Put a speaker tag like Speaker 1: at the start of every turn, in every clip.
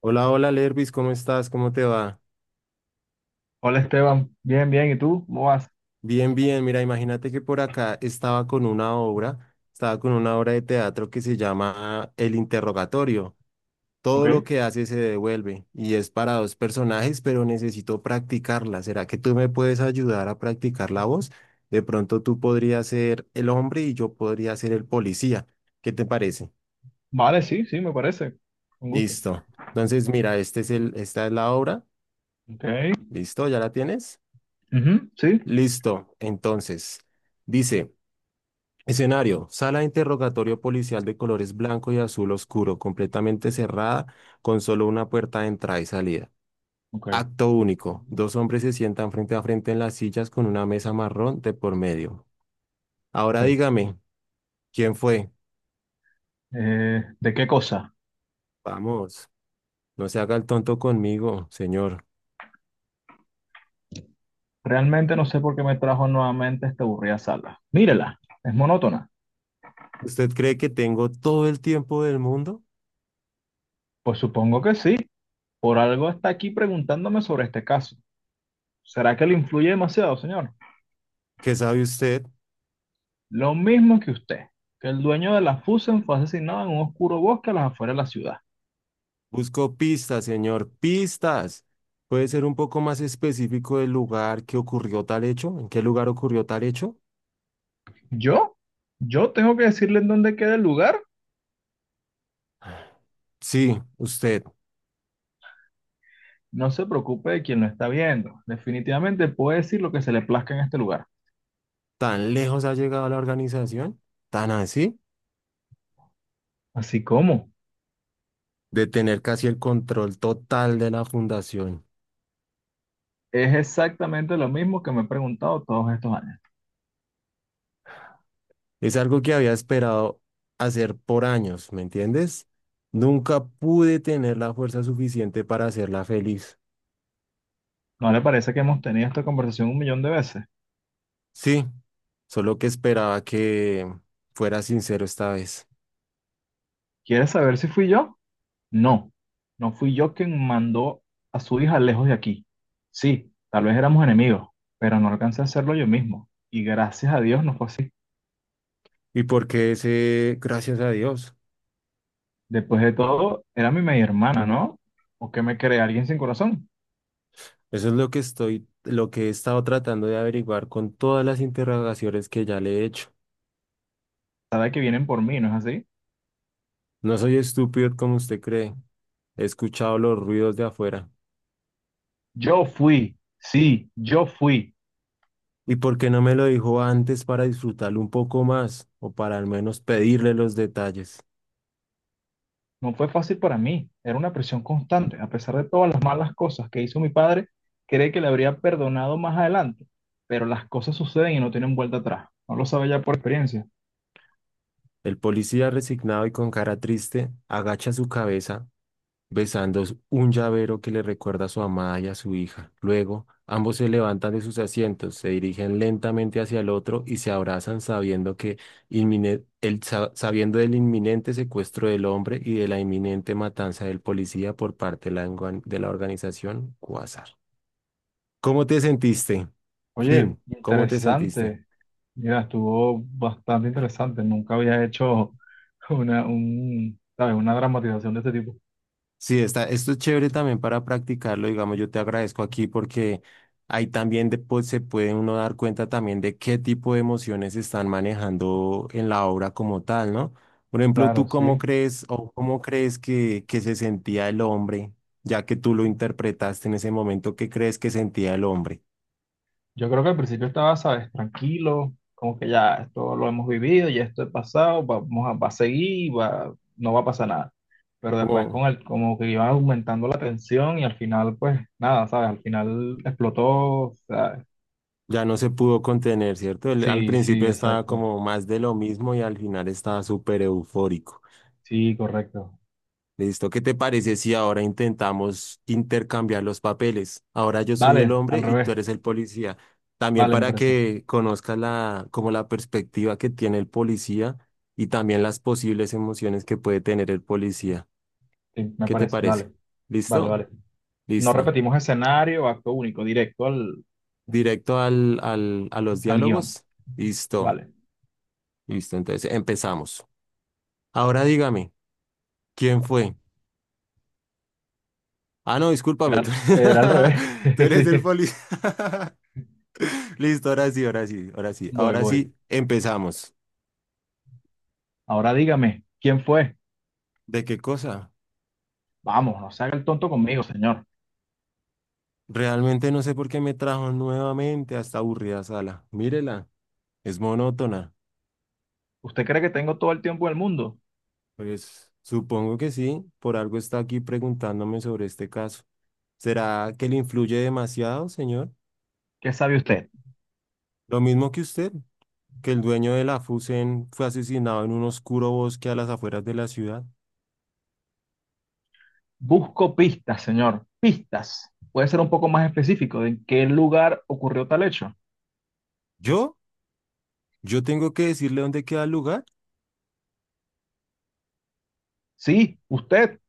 Speaker 1: Hola, hola Lervis, ¿cómo estás? ¿Cómo te va?
Speaker 2: Hola Esteban, bien, bien, ¿y tú? ¿Cómo vas?
Speaker 1: Bien, bien. Mira, imagínate que por acá estaba con una obra de teatro que se llama El Interrogatorio.
Speaker 2: Ok,
Speaker 1: Todo lo que hace se devuelve y es para dos personajes, pero necesito practicarla. ¿Será que tú me puedes ayudar a practicar la voz? De pronto tú podrías ser el hombre y yo podría ser el policía. ¿Qué te parece?
Speaker 2: vale, sí, sí, me parece, un gusto.
Speaker 1: Listo. Entonces, mira, esta es la obra.
Speaker 2: Ok,
Speaker 1: ¿Listo? ¿Ya la tienes?
Speaker 2: ujú, sí,
Speaker 1: Listo. Entonces, dice. Escenario, sala de interrogatorio policial de colores blanco y azul oscuro, completamente cerrada, con solo una puerta de entrada y salida.
Speaker 2: ok,
Speaker 1: Acto único, dos hombres se sientan frente a frente en las sillas con una mesa marrón de por medio. Ahora
Speaker 2: ok.
Speaker 1: dígame, ¿quién fue?
Speaker 2: ¿De qué cosa?
Speaker 1: Vamos, no se haga el tonto conmigo, señor.
Speaker 2: Realmente no sé por qué me trajo nuevamente a esta aburrida sala. Mírela, es monótona.
Speaker 1: ¿Usted cree que tengo todo el tiempo del mundo?
Speaker 2: Pues supongo que sí, por algo está aquí preguntándome sobre este caso. ¿Será que le influye demasiado, señor?
Speaker 1: ¿Qué sabe usted?
Speaker 2: Lo mismo que usted, que el dueño de la Fusen fue asesinado en un oscuro bosque a las afueras de la ciudad.
Speaker 1: Busco pistas, señor, pistas. ¿Puede ser un poco más específico del lugar que ocurrió tal hecho? ¿En qué lugar ocurrió tal hecho?
Speaker 2: ¿Yo? ¿Yo tengo que decirle en dónde queda el lugar?
Speaker 1: Sí, usted,
Speaker 2: No se preocupe de quien lo está viendo. Definitivamente puede decir lo que se le plazca en este lugar.
Speaker 1: ¿tan lejos ha llegado la organización? ¿Tan así?
Speaker 2: Así como
Speaker 1: De tener casi el control total de la fundación.
Speaker 2: es exactamente lo mismo que me he preguntado todos estos años.
Speaker 1: Es algo que había esperado hacer por años, ¿me entiendes? Nunca pude tener la fuerza suficiente para hacerla feliz.
Speaker 2: ¿No le parece que hemos tenido esta conversación un millón de veces?
Speaker 1: Sí, solo que esperaba que fuera sincero esta vez.
Speaker 2: ¿Quiere saber si fui yo? No, no fui yo quien mandó a su hija lejos de aquí. Sí, tal vez éramos enemigos, pero no alcancé a hacerlo yo mismo. Y gracias a Dios no fue así.
Speaker 1: Y porque ese, gracias a Dios,
Speaker 2: Después de todo, era mi media hermana, ¿no? ¿O qué me cree alguien sin corazón?
Speaker 1: eso es lo que lo que he estado tratando de averiguar con todas las interrogaciones que ya le he hecho.
Speaker 2: Sabe que vienen por mí, ¿no es así?
Speaker 1: No soy estúpido como usted cree. He escuchado los ruidos de afuera.
Speaker 2: Yo fui, sí, yo fui.
Speaker 1: ¿Y por qué no me lo dijo antes para disfrutarlo un poco más o para al menos pedirle los detalles?
Speaker 2: No fue fácil para mí, era una presión constante. A pesar de todas las malas cosas que hizo mi padre, cree que le habría perdonado más adelante, pero las cosas suceden y no tienen vuelta atrás. No lo sabe ya por experiencia.
Speaker 1: El policía resignado y con cara triste agacha su cabeza besando un llavero que le recuerda a su amada y a su hija. Luego, ambos se levantan de sus asientos, se dirigen lentamente hacia el otro y se abrazan sabiendo que sabiendo del inminente secuestro del hombre y de la inminente matanza del policía por parte de de la organización Quasar. ¿Cómo te sentiste?
Speaker 2: Oye,
Speaker 1: Fin, ¿cómo te sentiste?
Speaker 2: interesante. Mira, estuvo bastante interesante. Nunca había hecho ¿sabes? Una dramatización de este tipo.
Speaker 1: Sí, esto es chévere también para practicarlo, digamos, yo te agradezco aquí porque pues, se puede uno dar cuenta también de qué tipo de emociones se están manejando en la obra como tal, ¿no? Por ejemplo, ¿tú
Speaker 2: Claro,
Speaker 1: cómo
Speaker 2: sí.
Speaker 1: crees o cómo crees que se sentía el hombre, ya que tú lo interpretaste en ese momento, qué crees que sentía el hombre?
Speaker 2: Yo creo que al principio estaba, sabes, tranquilo, como que ya esto lo hemos vivido, ya esto es pasado, vamos a, va a seguir, va, no va a pasar nada. Pero después
Speaker 1: Como
Speaker 2: con como que iba aumentando la tensión y al final, pues nada, sabes, al final explotó. O sea,
Speaker 1: ya no se pudo contener, ¿cierto? Él al
Speaker 2: sí,
Speaker 1: principio
Speaker 2: sí,
Speaker 1: estaba
Speaker 2: exacto.
Speaker 1: como más de lo mismo y al final estaba súper eufórico.
Speaker 2: Sí, correcto.
Speaker 1: Listo, ¿qué te parece si ahora intentamos intercambiar los papeles? Ahora yo soy el
Speaker 2: Vale,
Speaker 1: hombre
Speaker 2: al
Speaker 1: y tú
Speaker 2: revés.
Speaker 1: eres el policía. También
Speaker 2: Vale, me
Speaker 1: para
Speaker 2: parece.
Speaker 1: que conozcas como la perspectiva que tiene el policía y también las posibles emociones que puede tener el policía.
Speaker 2: Sí, me
Speaker 1: ¿Qué te
Speaker 2: parece.
Speaker 1: parece?
Speaker 2: Vale, vale,
Speaker 1: ¿Listo?
Speaker 2: vale. No
Speaker 1: Listo.
Speaker 2: repetimos escenario, acto único,
Speaker 1: Directo a los
Speaker 2: al guión.
Speaker 1: diálogos. Listo.
Speaker 2: Vale.
Speaker 1: Listo. Entonces empezamos. Ahora dígame, ¿quién fue? Ah, no, discúlpame, tú,
Speaker 2: Era al revés.
Speaker 1: tú eres
Speaker 2: Sí,
Speaker 1: el policía. Listo, ahora sí, ahora sí, ahora sí.
Speaker 2: voy,
Speaker 1: Ahora
Speaker 2: voy.
Speaker 1: sí, empezamos.
Speaker 2: Ahora dígame, ¿quién fue?
Speaker 1: ¿De qué cosa?
Speaker 2: Vamos, no se haga el tonto conmigo, señor.
Speaker 1: Realmente no sé por qué me trajo nuevamente a esta aburrida sala. Mírela, es monótona.
Speaker 2: ¿Usted cree que tengo todo el tiempo del mundo?
Speaker 1: Pues supongo que sí, por algo está aquí preguntándome sobre este caso. ¿Será que le influye demasiado, señor?
Speaker 2: ¿Qué sabe usted?
Speaker 1: Lo mismo que usted, que el dueño de la Fusen fue asesinado en un oscuro bosque a las afueras de la ciudad.
Speaker 2: Busco pistas, señor. Pistas. ¿Puede ser un poco más específico de en qué lugar ocurrió tal hecho?
Speaker 1: ¿Yo? ¿Yo tengo que decirle dónde queda el lugar?
Speaker 2: Sí, usted.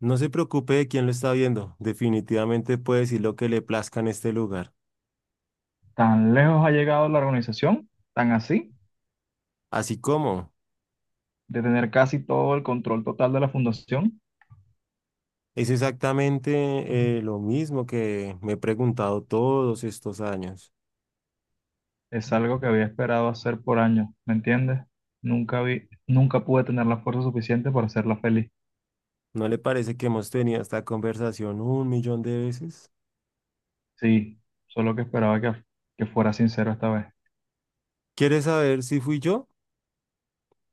Speaker 1: No se preocupe de quién lo está viendo, definitivamente puede decir lo que le plazca en este lugar.
Speaker 2: ¿Tan lejos ha llegado la organización? ¿Tan así?
Speaker 1: Así como
Speaker 2: De tener casi todo el control total de la fundación.
Speaker 1: es exactamente lo mismo que me he preguntado todos estos años.
Speaker 2: Es algo que había esperado hacer por años, ¿me entiendes? Nunca pude tener la fuerza suficiente para hacerla feliz.
Speaker 1: ¿No le parece que hemos tenido esta conversación un millón de veces?
Speaker 2: Sí, solo que esperaba que fuera sincero esta vez.
Speaker 1: ¿Quiere saber si fui yo?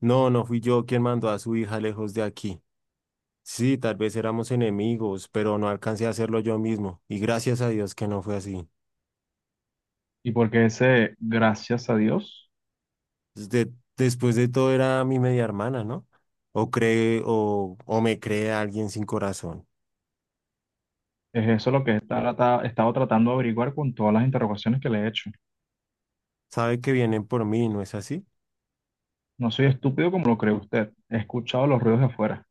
Speaker 1: No, no fui yo quien mandó a su hija lejos de aquí. Sí, tal vez éramos enemigos, pero no alcancé a hacerlo yo mismo, y gracias a Dios que no fue así.
Speaker 2: Y porque ese, gracias a Dios,
Speaker 1: Después de todo era mi media hermana, ¿no? O o me cree alguien sin corazón.
Speaker 2: es eso lo que he estado tratando de averiguar con todas las interrogaciones que le he hecho.
Speaker 1: Sabe que vienen por mí, ¿no es así?
Speaker 2: No soy estúpido como lo cree usted. He escuchado los ruidos de afuera.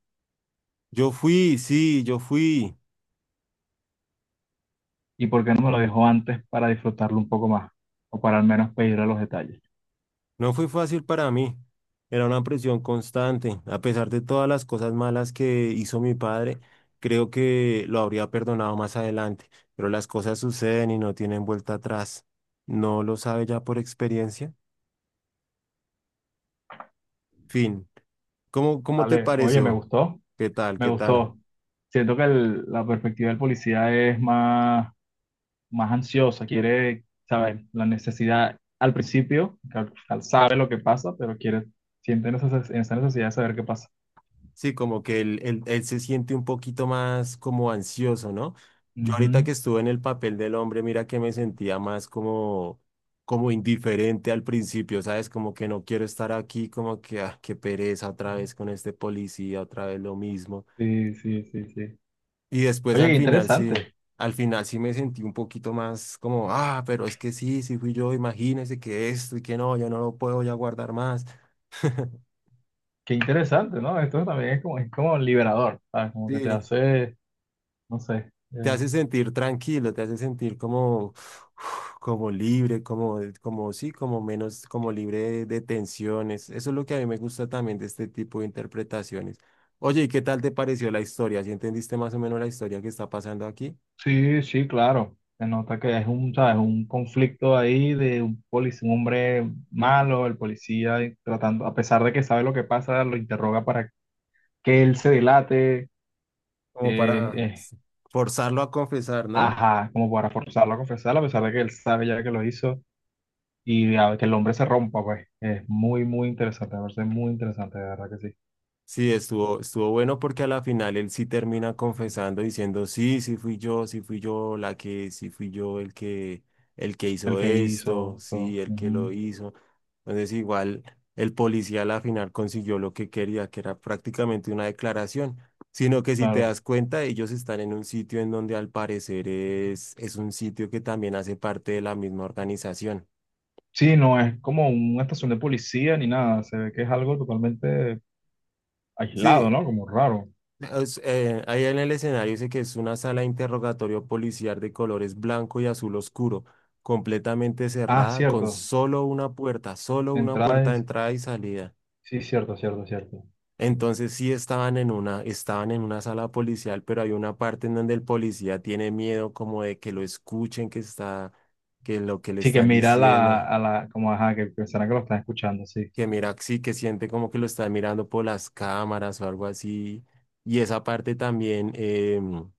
Speaker 1: Yo fui, sí, yo fui.
Speaker 2: ¿Y por qué no me lo dejó antes para disfrutarlo un poco más? O para al menos pedirle los detalles.
Speaker 1: No fue fácil para mí. Era una presión constante. A pesar de todas las cosas malas que hizo mi padre, creo que lo habría perdonado más adelante. Pero las cosas suceden y no tienen vuelta atrás. ¿No lo sabe ya por experiencia? Fin. ¿ cómo te
Speaker 2: Vale, oye,
Speaker 1: pareció? ¿Qué tal?
Speaker 2: me
Speaker 1: ¿Qué tal?
Speaker 2: gustó. Siento que la perspectiva del policía es más ansiosa, quiere saber la necesidad al principio, sabe lo que pasa, pero siente esa necesidad de saber qué pasa.
Speaker 1: Sí, como que él se siente un poquito más como ansioso, ¿no? Yo ahorita que estuve en el papel del hombre, mira que me sentía más como indiferente al principio, ¿sabes? Como que no quiero estar aquí, como que, ah, qué pereza otra vez con este policía, otra vez lo mismo.
Speaker 2: Sí, sí, sí, sí.
Speaker 1: Y después
Speaker 2: Oye,
Speaker 1: al final sí me sentí un poquito más como, ah, pero es que sí, sí fui yo, imagínese que esto y que no, yo no lo puedo ya guardar más.
Speaker 2: qué interesante, ¿no? Esto también es como liberador, ¿sabes? Como que te
Speaker 1: Sí.
Speaker 2: hace, no sé.
Speaker 1: Te hace sentir tranquilo, te hace sentir como, uf, como libre, como sí, como menos, como libre de tensiones. Eso es lo que a mí me gusta también de este tipo de interpretaciones. Oye, ¿y qué tal te pareció la historia? ¿Sí entendiste más o menos la historia que está pasando aquí?
Speaker 2: Sí, sí, claro. Se nota que es un, ¿sabes? Un conflicto ahí de un policía, un hombre malo, el policía y tratando, a pesar de que sabe lo que pasa, lo interroga para que él se delate, eh,
Speaker 1: Como para
Speaker 2: eh,
Speaker 1: s- Forzarlo a confesar, ¿no?
Speaker 2: ajá, como para forzarlo a confesar, a pesar de que él sabe ya que lo hizo y que el hombre se rompa, pues. Es muy, muy interesante, me parece muy interesante, de verdad que sí.
Speaker 1: Sí, estuvo bueno porque a la final él sí termina confesando diciendo, sí, sí fui yo, sí fui yo el que
Speaker 2: El
Speaker 1: hizo
Speaker 2: que
Speaker 1: esto,
Speaker 2: hizo.
Speaker 1: sí,
Speaker 2: So,
Speaker 1: el que lo
Speaker 2: ujú,
Speaker 1: hizo. Entonces igual el policía a la final consiguió lo que quería, que era prácticamente una declaración, sino que si te
Speaker 2: claro.
Speaker 1: das cuenta, ellos están en un sitio en donde al parecer es un sitio que también hace parte de la misma organización.
Speaker 2: Sí, no es como una estación de policía ni nada. Se ve que es algo totalmente aislado,
Speaker 1: Sí,
Speaker 2: ¿no? Como raro.
Speaker 1: es, ahí en el escenario dice que es una sala de interrogatorio policial de colores blanco y azul oscuro, completamente
Speaker 2: Ah,
Speaker 1: cerrada, con
Speaker 2: cierto.
Speaker 1: solo una puerta de
Speaker 2: Entradas.
Speaker 1: entrada y salida.
Speaker 2: Sí, cierto, cierto, cierto.
Speaker 1: Entonces sí estaban estaban en una sala policial, pero hay una parte en donde el policía tiene miedo como de que lo escuchen, que lo que le
Speaker 2: Sí, que
Speaker 1: están
Speaker 2: mira
Speaker 1: diciendo,
Speaker 2: como ajá, que pensarán que lo están escuchando, sí.
Speaker 1: que mira, sí, que siente como que lo están mirando por las cámaras o algo así. Y esa parte también.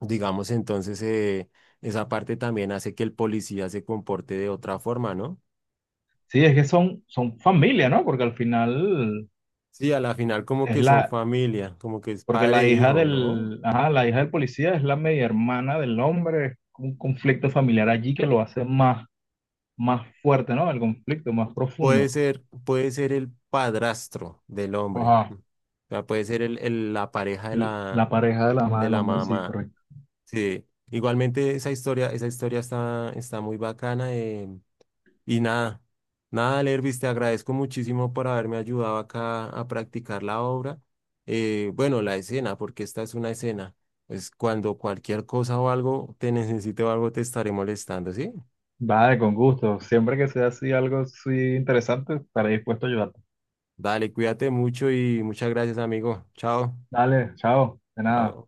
Speaker 1: Digamos, entonces, esa parte también hace que el policía se comporte de otra forma, ¿no?
Speaker 2: Sí, es que son familia, ¿no? Porque al final
Speaker 1: Sí, a la final como
Speaker 2: es
Speaker 1: que son
Speaker 2: la,
Speaker 1: familia, como que es
Speaker 2: porque
Speaker 1: padre
Speaker 2: la
Speaker 1: e
Speaker 2: hija
Speaker 1: hijo, ¿no?
Speaker 2: del, ajá, la hija del policía es la media hermana del hombre. Es un conflicto familiar allí que lo hace más fuerte, ¿no? El conflicto más profundo.
Speaker 1: Puede ser el padrastro del hombre, mm,
Speaker 2: Ajá.
Speaker 1: o sea, puede ser la pareja
Speaker 2: La pareja de la madre
Speaker 1: de
Speaker 2: del
Speaker 1: la
Speaker 2: hombre, sí,
Speaker 1: mamá.
Speaker 2: correcto.
Speaker 1: Sí, igualmente esa historia está muy bacana. Y nada, nada, Lervis, te agradezco muchísimo por haberme ayudado acá a practicar la obra. Bueno, la escena, porque esta es una escena. Pues cuando cualquier cosa o algo te necesite o algo te estaré molestando, ¿sí?
Speaker 2: Vale, con gusto. Siempre que sea así algo así interesante, estaré dispuesto a ayudarte.
Speaker 1: Dale, cuídate mucho y muchas gracias, amigo. Chao.
Speaker 2: Dale, chao. De nada.
Speaker 1: Chao.